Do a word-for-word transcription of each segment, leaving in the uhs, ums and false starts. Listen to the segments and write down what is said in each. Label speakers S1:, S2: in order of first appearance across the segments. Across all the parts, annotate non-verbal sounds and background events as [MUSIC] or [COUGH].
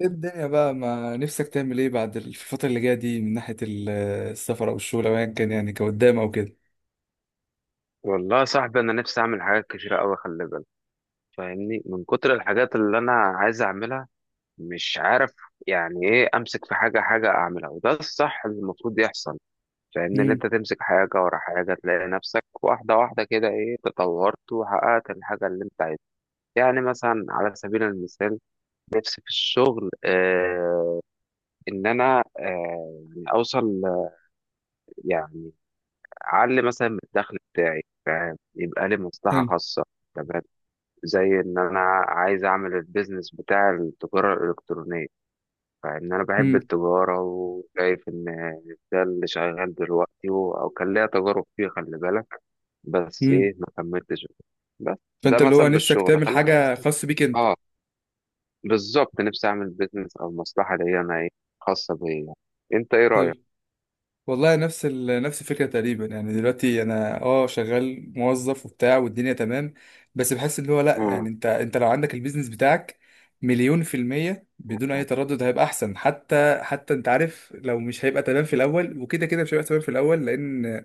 S1: ايه الدنيا بقى، ما نفسك تعمل ايه بعد الفترة اللي جاية دي من ناحية ال- السفر او الشغل او ايا كان، يعني كقدام او كده.
S2: والله يا صاحبي، انا نفسي اعمل حاجات كتيره قوي، خلي بالك. فاهمني، من كتر الحاجات اللي انا عايز اعملها مش عارف. يعني ايه، امسك في حاجه حاجه اعملها، وده الصح اللي المفروض يحصل. فاهمني، ان
S1: امم.
S2: انت تمسك حاجه ورا حاجه تلاقي نفسك واحده واحده كده، ايه، تطورت وحققت الحاجه اللي انت عايزها. يعني مثلا على سبيل المثال، نفسي في الشغل آه ان انا آه يعني اوصل آه، يعني اعلي مثلا من الدخل بتاعي، فاهم، يبقى لي مصلحه
S1: حلو.
S2: خاصه. تمام، زي ان انا عايز اعمل البيزنس بتاع التجارة الالكترونية. فان انا بحب
S1: امم.
S2: التجارة وشايف ان ده اللي شغال دلوقتي و- او كان ليا تجارب فيه، خلي بالك، بس
S1: امم.
S2: ايه ما كملتش. بس ده
S1: فانت اللي هو
S2: مثلا
S1: نفسك
S2: بالشغل،
S1: تعمل
S2: خلينا
S1: حاجة
S2: مثلا.
S1: خاص بيك انت.
S2: اه بالظبط، نفسي اعمل بيزنس او مصلحة ليا انا ايه، خاصة بيا. انت ايه رأيك؟
S1: حلو. والله نفس ال... نفس الفكرة تقريبا، يعني دلوقتي انا اه شغال موظف وبتاع والدنيا تمام، بس بحس اللي هو لا، يعني
S2: مم.
S1: انت انت لو عندك البيزنس بتاعك مليون في المية بدون
S2: مم.
S1: أي تردد هيبقى أحسن، حتى حتى أنت عارف لو مش هيبقى تمام في الأول، وكده كده مش هيبقى تمام في الأول، لأن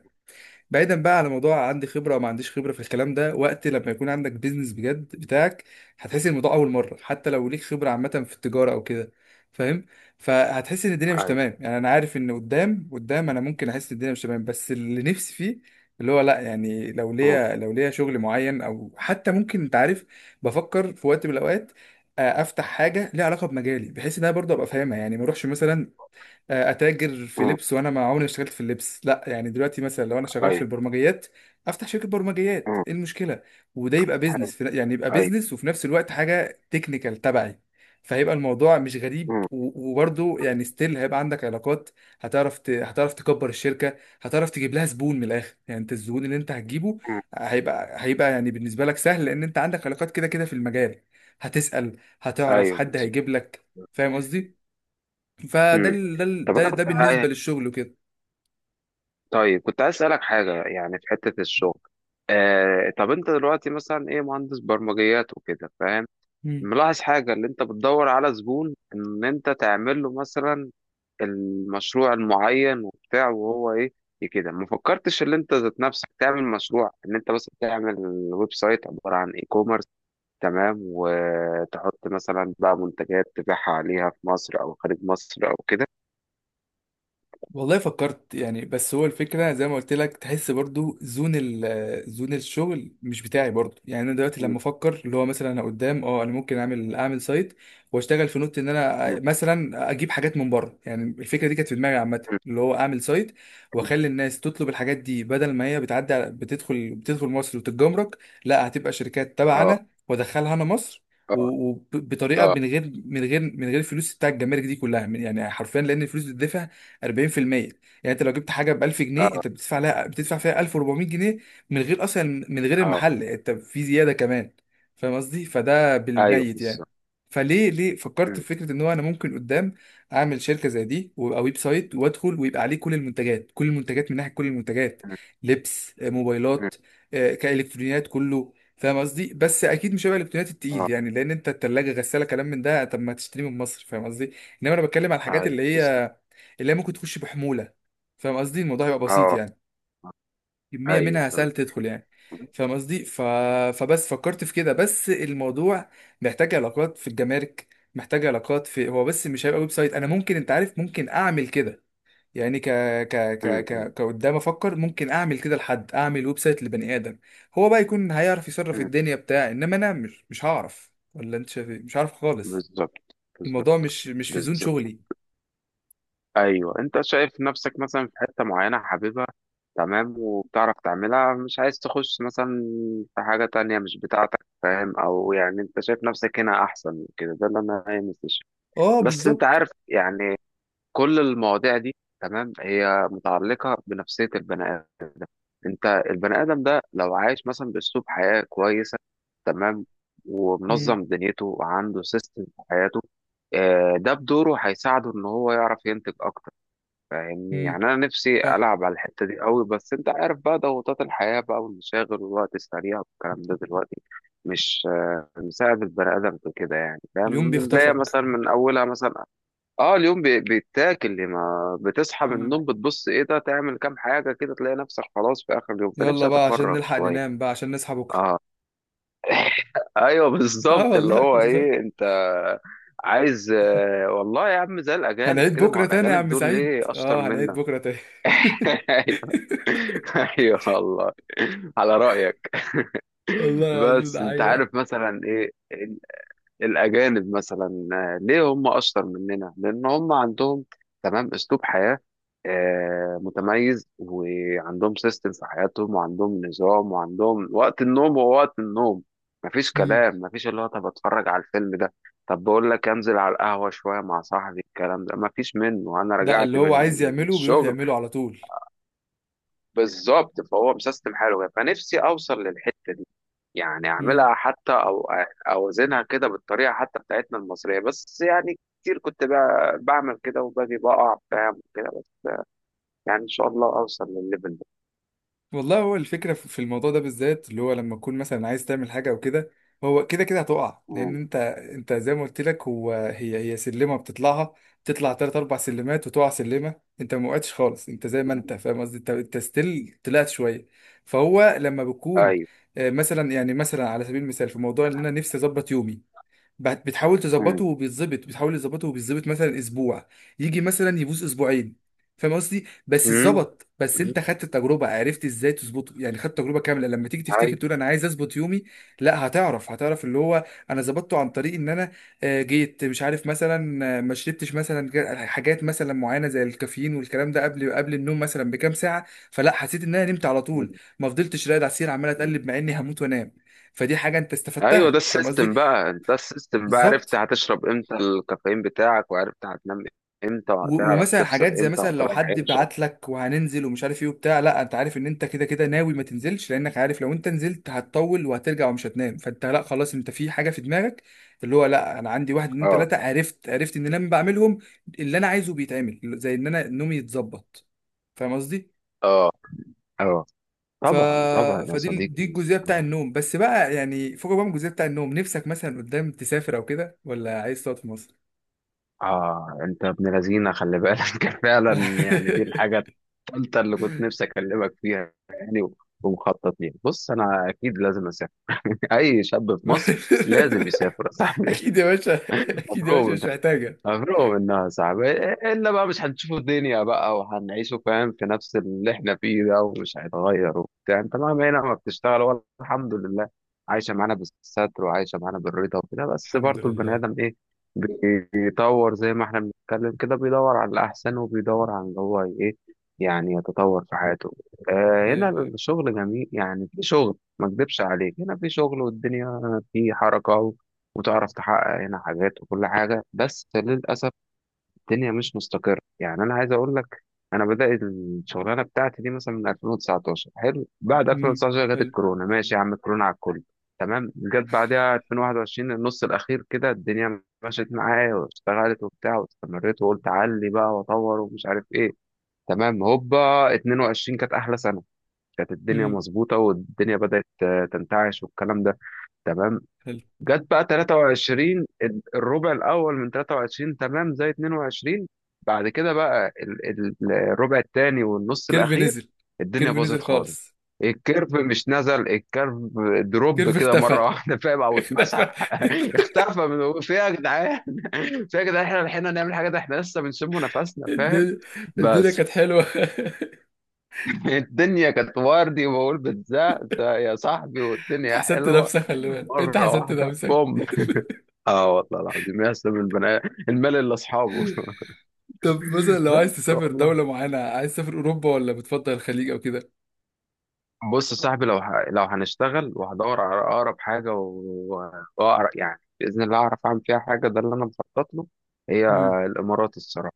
S1: بعيدا بقى على موضوع عندي خبره او ما عنديش خبره في الكلام ده، وقت لما يكون عندك بيزنس بجد بتاعك هتحس إن الموضوع اول مره، حتى لو ليك خبره عامه في التجاره او كده، فاهم؟ فهتحس ان الدنيا مش
S2: ايوه.
S1: تمام، يعني انا عارف ان قدام قدام انا ممكن احس ان الدنيا مش تمام، بس اللي نفسي فيه اللي هو لا، يعني لو
S2: مم.
S1: ليا لو ليا شغل معين، او حتى ممكن انت عارف بفكر في وقت من الاوقات آه، افتح حاجه ليها علاقه بمجالي، بحيث ان انا برضه ابقى فاهمها، يعني ما اروحش مثلا آه، اتاجر في
S2: مم.
S1: لبس وانا ما عمري ما اشتغلت في اللبس، لا يعني دلوقتي مثلا لو انا شغال في
S2: ايوه.
S1: البرمجيات افتح شركه برمجيات،
S2: مم.
S1: ايه المشكله؟ وده يبقى
S2: حلو.
S1: بيزنس في- يعني يبقى
S2: ايوه.
S1: بيزنس، وفي نفس الوقت حاجه تكنيكال تبعي، فهيبقى الموضوع مش غريب،
S2: مم.
S1: و- وبرضه يعني ستيل هيبقى عندك علاقات. هتعرف ت... هتعرف تكبر الشركه، هتعرف تجيب لها زبون من الاخر، يعني انت الزبون اللي انت هتجيبه
S2: مم.
S1: هيبقى هيبقى يعني بالنسبه لك سهل، لان انت عندك علاقات كده كده في المجال، هتسال، هتعرف
S2: ايوه
S1: حد
S2: بالظبط.
S1: هيجيب لك. فاهم قصدي؟ فده
S2: مم.
S1: ال- ده ال-
S2: طب
S1: ده
S2: انا
S1: ده
S2: كنت
S1: بالنسبة للشغل وكده.
S2: طيب كنت عايز اسالك حاجه، يعني في حته الشغل. آه طب انت دلوقتي مثلا ايه، مهندس برمجيات وكده فاهم،
S1: مم.
S2: ملاحظ حاجه، اللي انت بتدور على زبون ان انت تعمل له مثلا المشروع المعين وبتاع، وهو ايه إيه كده ما فكرتش ان انت ذات نفسك تعمل مشروع، ان انت مثلا تعمل ويب سايت عباره عن اي كوميرس، تمام، وتحط مثلا بقى منتجات تبيعها عليها في مصر او خارج مصر او كده.
S1: والله فكرت يعني، بس هو الفكرة زي ما قلت لك، تحس برضو زون ال زون الشغل مش بتاعي برضو، يعني انا دلوقتي لما
S2: م-
S1: افكر اللي هو مثلا انا قدام اه انا ممكن اعمل اعمل سايت واشتغل في نوت، ان
S2: م-
S1: انا مثلا اجيب حاجات من بره، يعني الفكرة دي كانت في دماغي عامة،
S2: م-
S1: اللي هو اعمل سايت
S2: م.
S1: واخلي الناس تطلب الحاجات دي، بدل ما هي بتعدي على- بتدخل بتدخل مصر وتتجمرك، لا هتبقى شركات
S2: اه.
S1: تبعنا وادخلها انا مصر،
S2: اه.
S1: وبطريقه
S2: اه.
S1: من غير من غير من غير الفلوس بتاع الجمارك دي كلها، من- يعني حرفيا، لان الفلوس بتدفع أربعين في المية، يعني انت لو جبت حاجه ب ألف جنيه
S2: اه.
S1: انت بتدفع لها بتدفع فيها ألف وأربعمية جنيه، من غير اصلا من غير
S2: اه.
S1: المحل، انت في زياده كمان، فاهم قصدي؟ فده
S2: ايوه
S1: بالميت يعني.
S2: بالظبط.
S1: فليه ليه فكرت
S2: أمم،
S1: في فكره ان هو انا ممكن قدام اعمل شركه زي دي، ويبقى ويب سايت وادخل، ويبقى عليه كل المنتجات، كل المنتجات من ناحيه كل المنتجات،
S2: أمم،
S1: لبس، آه،
S2: أمم.
S1: موبايلات، آه، كالكترونيات، كله فاهم قصدي، بس اكيد مش هيبقى الالكترونيات
S2: اه.
S1: التقيل يعني، لان انت التلاجه غساله كلام من ده طب ما تشتري من مصر، فاهم قصدي؟ انما انا بتكلم على الحاجات
S2: ايوه
S1: اللي
S2: بالظبط.
S1: هي اللي هي ممكن تخش بحمولة، فاهم قصدي؟ الموضوع هيبقى بسيط
S2: اه.
S1: يعني، كمية
S2: ايوه
S1: منها
S2: تمام.
S1: سهل تدخل يعني، فاهم قصدي؟ ف... فبس فكرت في كده، بس الموضوع محتاج علاقات في الجمارك، محتاج علاقات في هو، بس مش هيبقى ويب سايت، انا ممكن انت عارف ممكن اعمل كده، يعني ك ك ك
S2: أمم، أمم،
S1: ك كقدام افكر ممكن اعمل كده، لحد اعمل ويب سايت لبني ادم هو بقى يكون هيعرف يصرف
S2: أمم.
S1: الدنيا بتاع، انما انا مش مش هعرف، ولا انت شايف إيه؟ مش عارف خالص،
S2: بالظبط.
S1: الموضوع
S2: بالظبط.
S1: مش مش في زون
S2: بالظبط.
S1: شغلي.
S2: ايوه، انت شايف نفسك مثلا في حته معينه حاببها، تمام، وبتعرف تعملها، مش عايز تخش مثلا في حاجه تانية مش بتاعتك، فاهم، او يعني انت شايف نفسك هنا احسن من كده، ده اللي انا عايز أستشير.
S1: اه
S2: بس انت
S1: بالظبط.
S2: عارف، يعني كل المواضيع دي، تمام، هي متعلقه بنفسيه البني. انت البني ادم ده لو عايش مثلا باسلوب حياه كويسه، تمام،
S1: امم.
S2: ومنظم دنيته وعنده سيستم في حياته، آه، ده بدوره هيساعده ان هو يعرف ينتج اكتر. فاهمني،
S1: امم.
S2: يعني انا نفسي
S1: صح.
S2: العب على الحته دي قوي، بس انت عارف بقى ضغوطات الحياه بقى والمشاغل والوقت السريع والكلام ده دلوقتي مش آه، مساعد البني ادم في كده، يعني
S1: اليوم
S2: فاهم، بنلاقي
S1: بيخطفك.
S2: مثلا من اولها مثلا. اه، اليوم بي- بيتاكل، ما بتصحى من
S1: مم.
S2: النوم بتبص ايه ده، تعمل كام حاجه كده تلاقي نفسك خلاص في اخر اليوم،
S1: يلا
S2: فنفسي
S1: بقى عشان
S2: اتفرغ
S1: نلحق
S2: شويه،
S1: ننام بقى عشان نصحى بكرة.
S2: اه. [LAUGHS] ايوه
S1: [LAUGHS] اه
S2: بالظبط، اللي
S1: والله.
S2: هو
S1: [LAUGHS]
S2: ايه، انت عايز آه، والله يا عم زي الاجانب
S1: هنعيد
S2: كده، ما هو
S1: بكرة تاني يا
S2: الاجانب
S1: عم
S2: دول
S1: سعيد،
S2: ليه اشطر
S1: اه هنعيد
S2: منك؟
S1: بكرة تاني.
S2: [LAUGHS]
S1: [LAUGHS]
S2: ايوه. ايوه والله. على رايك. [LAUGHS]
S1: والله العظيم
S2: بس
S1: ده
S2: انت
S1: حقيقة.
S2: عارف مثلا ايه، الأجانب مثلا آه، ليه هم أشطر مننا؟ لأن هم عندهم، تمام، أسلوب حياة آه، متميز، وعندهم سيستم في حياتهم، وعندهم نظام، وعندهم وقت النوم هو وقت النوم. مفيش
S1: مم.
S2: كلام، مفيش اللي هو طب أتفرج على الفيلم ده، طب بقول لك أنزل على القهوة شوية مع صاحبي، الكلام ده مفيش منه. أنا
S1: ده
S2: رجعت
S1: اللي
S2: من
S1: هو عايز يعمله بيروح
S2: الشغل.
S1: يعمله على طول.
S2: بالظبط، فهو مسيستم حاله، فنفسي أوصل للحتة دي. يعني اعملها حتى، او اوزنها كده بالطريقه حتى بتاعتنا المصريه، بس يعني كتير كنت بقى بعمل كده وباجي بقع، فاهم كده، بس. يعني ان شاء الله اوصل للليفل ده.
S1: والله هو الفكرة في في الموضوع ده بالذات، اللي هو لما تكون مثلا عايز تعمل حاجة أو كده، هو كده كده هتقع، لأن
S2: مم.
S1: أنت، أنت زي ما قلت لك، هو هي هي سلمة بتطلعها، بتطلع تلات أربع سلمات وتقع سلمة. أنت ما وقعتش خالص، أنت زي ما
S2: مم.
S1: أنت، فاهم قصدي؟ أنت أنت ستيل طلعت شوية، فهو لما بكون
S2: ايوه.
S1: آه، مثلا يعني مثلا على سبيل المثال في موضوع إن أنا نفسي أظبط يومي، بت- بتحاول
S2: مم.
S1: تظبطه وبيتظبط، بتحاول تظبطه وبيتظبط مثلا اسبوع، يجي مثلا يبوظ اسبوعين، فاهم قصدي؟ بس
S2: امم.
S1: اتظبط، بس
S2: أمم.
S1: انت خدت التجربه، عرفت ازاي تظبطه، يعني خدت تجربه كامله لما تيجي
S2: ايوه.
S1: تفتكر تقول انا عايز اظبط يومي، لا هتعرف هتعرف اللي هو انا ظبطته عن طريق ان انا آه، جيت مش عارف مثلا، آه، ما شربتش مثلا ج- حاجات مثلا معينه زي الكافيين والكلام ده قبل قبل النوم مثلا بكام ساعه، فلا حسيت ان انا نمت على
S2: مم.
S1: طول، ما فضلتش راقد على السرير عمال
S2: مم.
S1: اتقلب مع اني هموت وانام، فدي حاجه انت
S2: ايوه. ده
S1: استفدتها، فاهم قصدي؟
S2: السيستم بقى، انت السيستم بقى، عرفت
S1: بالظبط.
S2: هتشرب امتى الكافيين بتاعك، وعرفت هتنام امتى،
S1: و-
S2: وهتعرف
S1: ومثلا
S2: تفصل
S1: حاجات زي
S2: امتى،
S1: مثلا لو
S2: وهتريح
S1: حد
S2: امتى.
S1: بعت لك وهننزل ومش عارف ايه وبتاع، لا انت عارف ان انت كده كده ناوي ما تنزلش، لانك عارف لو انت نزلت هتطول وهترجع ومش هتنام، فانت لا خلاص، انت في حاجه في دماغك اللي هو لا، انا عندي واحد اتنين
S2: اه.
S1: تلاته، عرفت عرفت ان انا لما بعملهم اللي انا عايزه بيتعمل، زي ان انا نومي يتظبط، فاهم قصدي؟
S2: اه. اه.
S1: ف...
S2: طبعا طبعا يا
S1: فدي ال- دي
S2: صديقي.
S1: الجزئيه بتاع النوم بس بقى، يعني فوق بقى من الجزئيه بتاع النوم، نفسك مثلا قدام تسافر او كده، ولا عايز تقعد في مصر؟
S2: اه، انت ابن لذينه خلي بالك. [LAUGHS] كان فعلا، يعني دي الحاجه الثالثه اللي كنت نفسي اكلمك فيها يعني، ومخطط ليها. بص، انا اكيد لازم اسافر. [LAUGHS] اي شاب في مصر لازم يسافر يا
S1: [LAUGHS]
S2: صاحبي.
S1: اكيد يا باشا. [LAUGHS]
S2: [LAUGHS]
S1: اكيد يا باشا،
S2: مبروك.
S1: مش محتاجه.
S2: مفروغ منها، صعب الا بقى مش هنشوف الدنيا بقى وهنعيشه، فاهم، في نفس اللي احنا فيه ده ومش هيتغير وبتاع. انت مهما هنا ما بتشتغل ولا، الحمد لله، عايشه معانا بالستر، وعايشه معانا بالرضا وكده، بس
S1: الحمد
S2: برضه البني
S1: لله.
S2: ادم ايه، بيطور، زي ما احنا بنتكلم كده، بيدور على الاحسن وبيدور على اللي هو ايه، يعني يتطور في حياته. آه، هنا
S1: ايوه، ايوه.
S2: الشغل جميل، يعني في شغل ما اكدبش عليك، هنا في شغل والدنيا في حركه، وتعرف تحقق هنا حاجات وكل حاجة، بس للأسف الدنيا مش مستقرة. يعني أنا عايز أقول لك، أنا بدأت الشغلانة بتاعتي دي مثلا من ألفين وتسعتاشر، حلو، بعد
S1: امم.
S2: ألفين وتسعتاشر جت
S1: حلو.
S2: الكورونا. ماشي يا عم، الكورونا على الكل، تمام. جت بعدها ألفين وواحد وعشرين، النص الأخير كده الدنيا مشيت معايا واشتغلت وبتاع، واستمريت وقلت أعلي بقى وأطور ومش عارف إيه، تمام. هوبا، اتنين وعشرين كانت أحلى سنة، كانت الدنيا
S1: امم.
S2: مظبوطة، والدنيا بدأت آه، تنتعش والكلام ده، تمام.
S1: حلو.
S2: جت بقى تلاته وعشرين، ال- الربع الاول من تلاته وعشرين تمام زي اتنين وعشرين. بعد كده بقى ال- ال- الربع الثاني والنص
S1: كيرف
S2: الاخير،
S1: نزل.
S2: الدنيا
S1: كيرف نزل
S2: باظت خالص.
S1: خالص.
S2: الكيرف مش نزل، الكيرف دروب
S1: كيرف
S2: كده
S1: اختفى.
S2: مره [LAUGHS] واحده، فاهم،
S1: [LAUGHS]
S2: او اتمسح.
S1: اختفى.
S2: [LAUGHS] اختفى، من، في إيه يا جدعان؟ [LAUGHS] في إيه يا جدعان، احنا لحقنا نعمل حاجه؟ ده احنا لسه بنشم
S1: [LAUGHS]
S2: نفسنا، فاهم،
S1: الدنيا، الدنيا
S2: بس.
S1: كانت حلوه. [LAUGHS]
S2: [LAUGHS] الدنيا كانت وردي، وبقول بتزق يا صاحبي
S1: انت
S2: والدنيا
S1: حسدت
S2: حلوه،
S1: نفسك، خلي بالك انت
S2: مره
S1: حسدت
S2: واحده
S1: نفسك.
S2: بوم. اه والله العظيم، يسلم البني المال اللي اصحابه. [LAUGHS]
S1: طب مثلا لو عايز
S2: بس
S1: تسافر
S2: والله،
S1: دوله معينه، عايز تسافر اوروبا ولا بتفضل الخليج او كده؟
S2: بص يا صاحبي، لو ح... لو هنشتغل وهدور على اقرب حاجه و- واقرب يعني باذن الله اعرف اعمل فيها حاجه، ده اللي انا مخطط له. هي
S1: امم.
S2: الامارات الصراحه،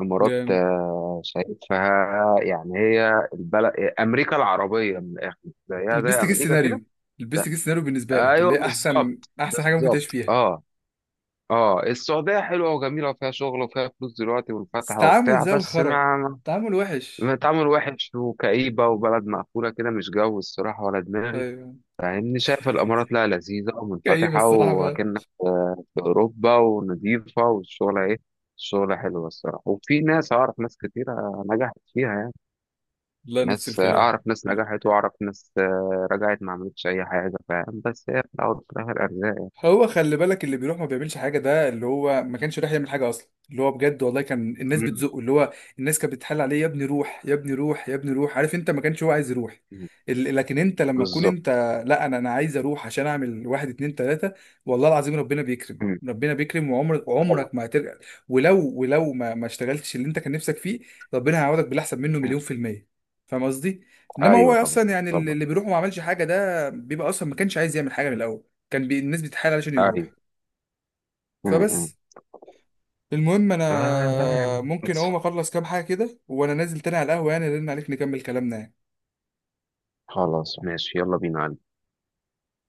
S2: الامارات
S1: جامد.
S2: آه، شايفها يعني هي البلد، امريكا العربيه من الاخر، زيها زي
S1: البيست كيس
S2: امريكا كده.
S1: سيناريو، البيست كيس سيناريو بالنسبه لك اللي
S2: ايوه
S1: هي احسن
S2: بالظبط.
S1: احسن حاجه ممكن تعيش
S2: بالظبط.
S1: فيها.
S2: اه. اه، السعوديه حلوه وجميله وفيها شغل وفيها فلوس دلوقتي
S1: بس
S2: منفتحه
S1: تعامل
S2: وبتاع،
S1: زي
S2: بس
S1: الخرا،
S2: ما،
S1: تعامل وحش.
S2: تعامل وحش وكئيبة وبلد مقفولة كده، مش جو الصراحة ولا دماغي.
S1: ايوه.
S2: فاهمني، شايف الإمارات لا لذيذة
S1: كئيب
S2: ومنفتحة
S1: الصراحه بقى.
S2: وأكنك آه، في أوروبا ونضيفة، والشغلة إيه، الشغلة حلوة الصراحة، وفي ناس، أعرف ناس كتيرة نجحت فيها يعني.
S1: لا نفس
S2: ناس آه،
S1: الكلام.
S2: أعرف ناس نجحت، وأعرف ناس آه، رجعت ما عملتش أي حاجة، فاهم، بس هي في الأول وفي الآخر أرزاق.
S1: هو خلي بالك اللي بيروح ما بيعملش حاجه، ده اللي هو ما كانش رايح يعمل حاجه اصلا، اللي هو بجد والله كان الناس
S2: مم،
S1: بتزقه، اللي هو الناس كانت بتحل عليه، يا ابني روح، يا ابني روح، يا ابني روح، عارف انت ما كانش هو عايز يروح.
S2: مم،
S1: ال- لكن انت لما تكون
S2: بالظبط.
S1: انت لا، انا انا عايز اروح عشان اعمل واحد اتنين تلاته، والله العظيم ربنا بيكرم،
S2: مم،
S1: ربنا بيكرم، وعمرك
S2: طبعا.
S1: عمرك ما هترجع، ولو ولو ما ما اشتغلتش اللي انت كان نفسك فيه، ربنا هيعوضك بالاحسن منه
S2: مم،
S1: مليون في الميه، فاهم قصدي؟ انما هو
S2: أيوه طبعا.
S1: اصلا يعني اللي
S2: طبعا
S1: اللي بيروح وما عملش حاجه ده بيبقى اصلا ما كانش عايز يعمل حاجه من الاول، كان بي... الناس بتتحايل علشان
S2: أيوه.
S1: يروح.
S2: مم، مم.
S1: فبس، المهم
S2: آه لا يا
S1: انا
S2: عم،
S1: ممكن اقوم اخلص كام حاجه كده وانا نازل تاني على القهوه يعني، ارن عليك نكمل كلامنا يعني.
S2: خلاص ماشي، يلا بينا.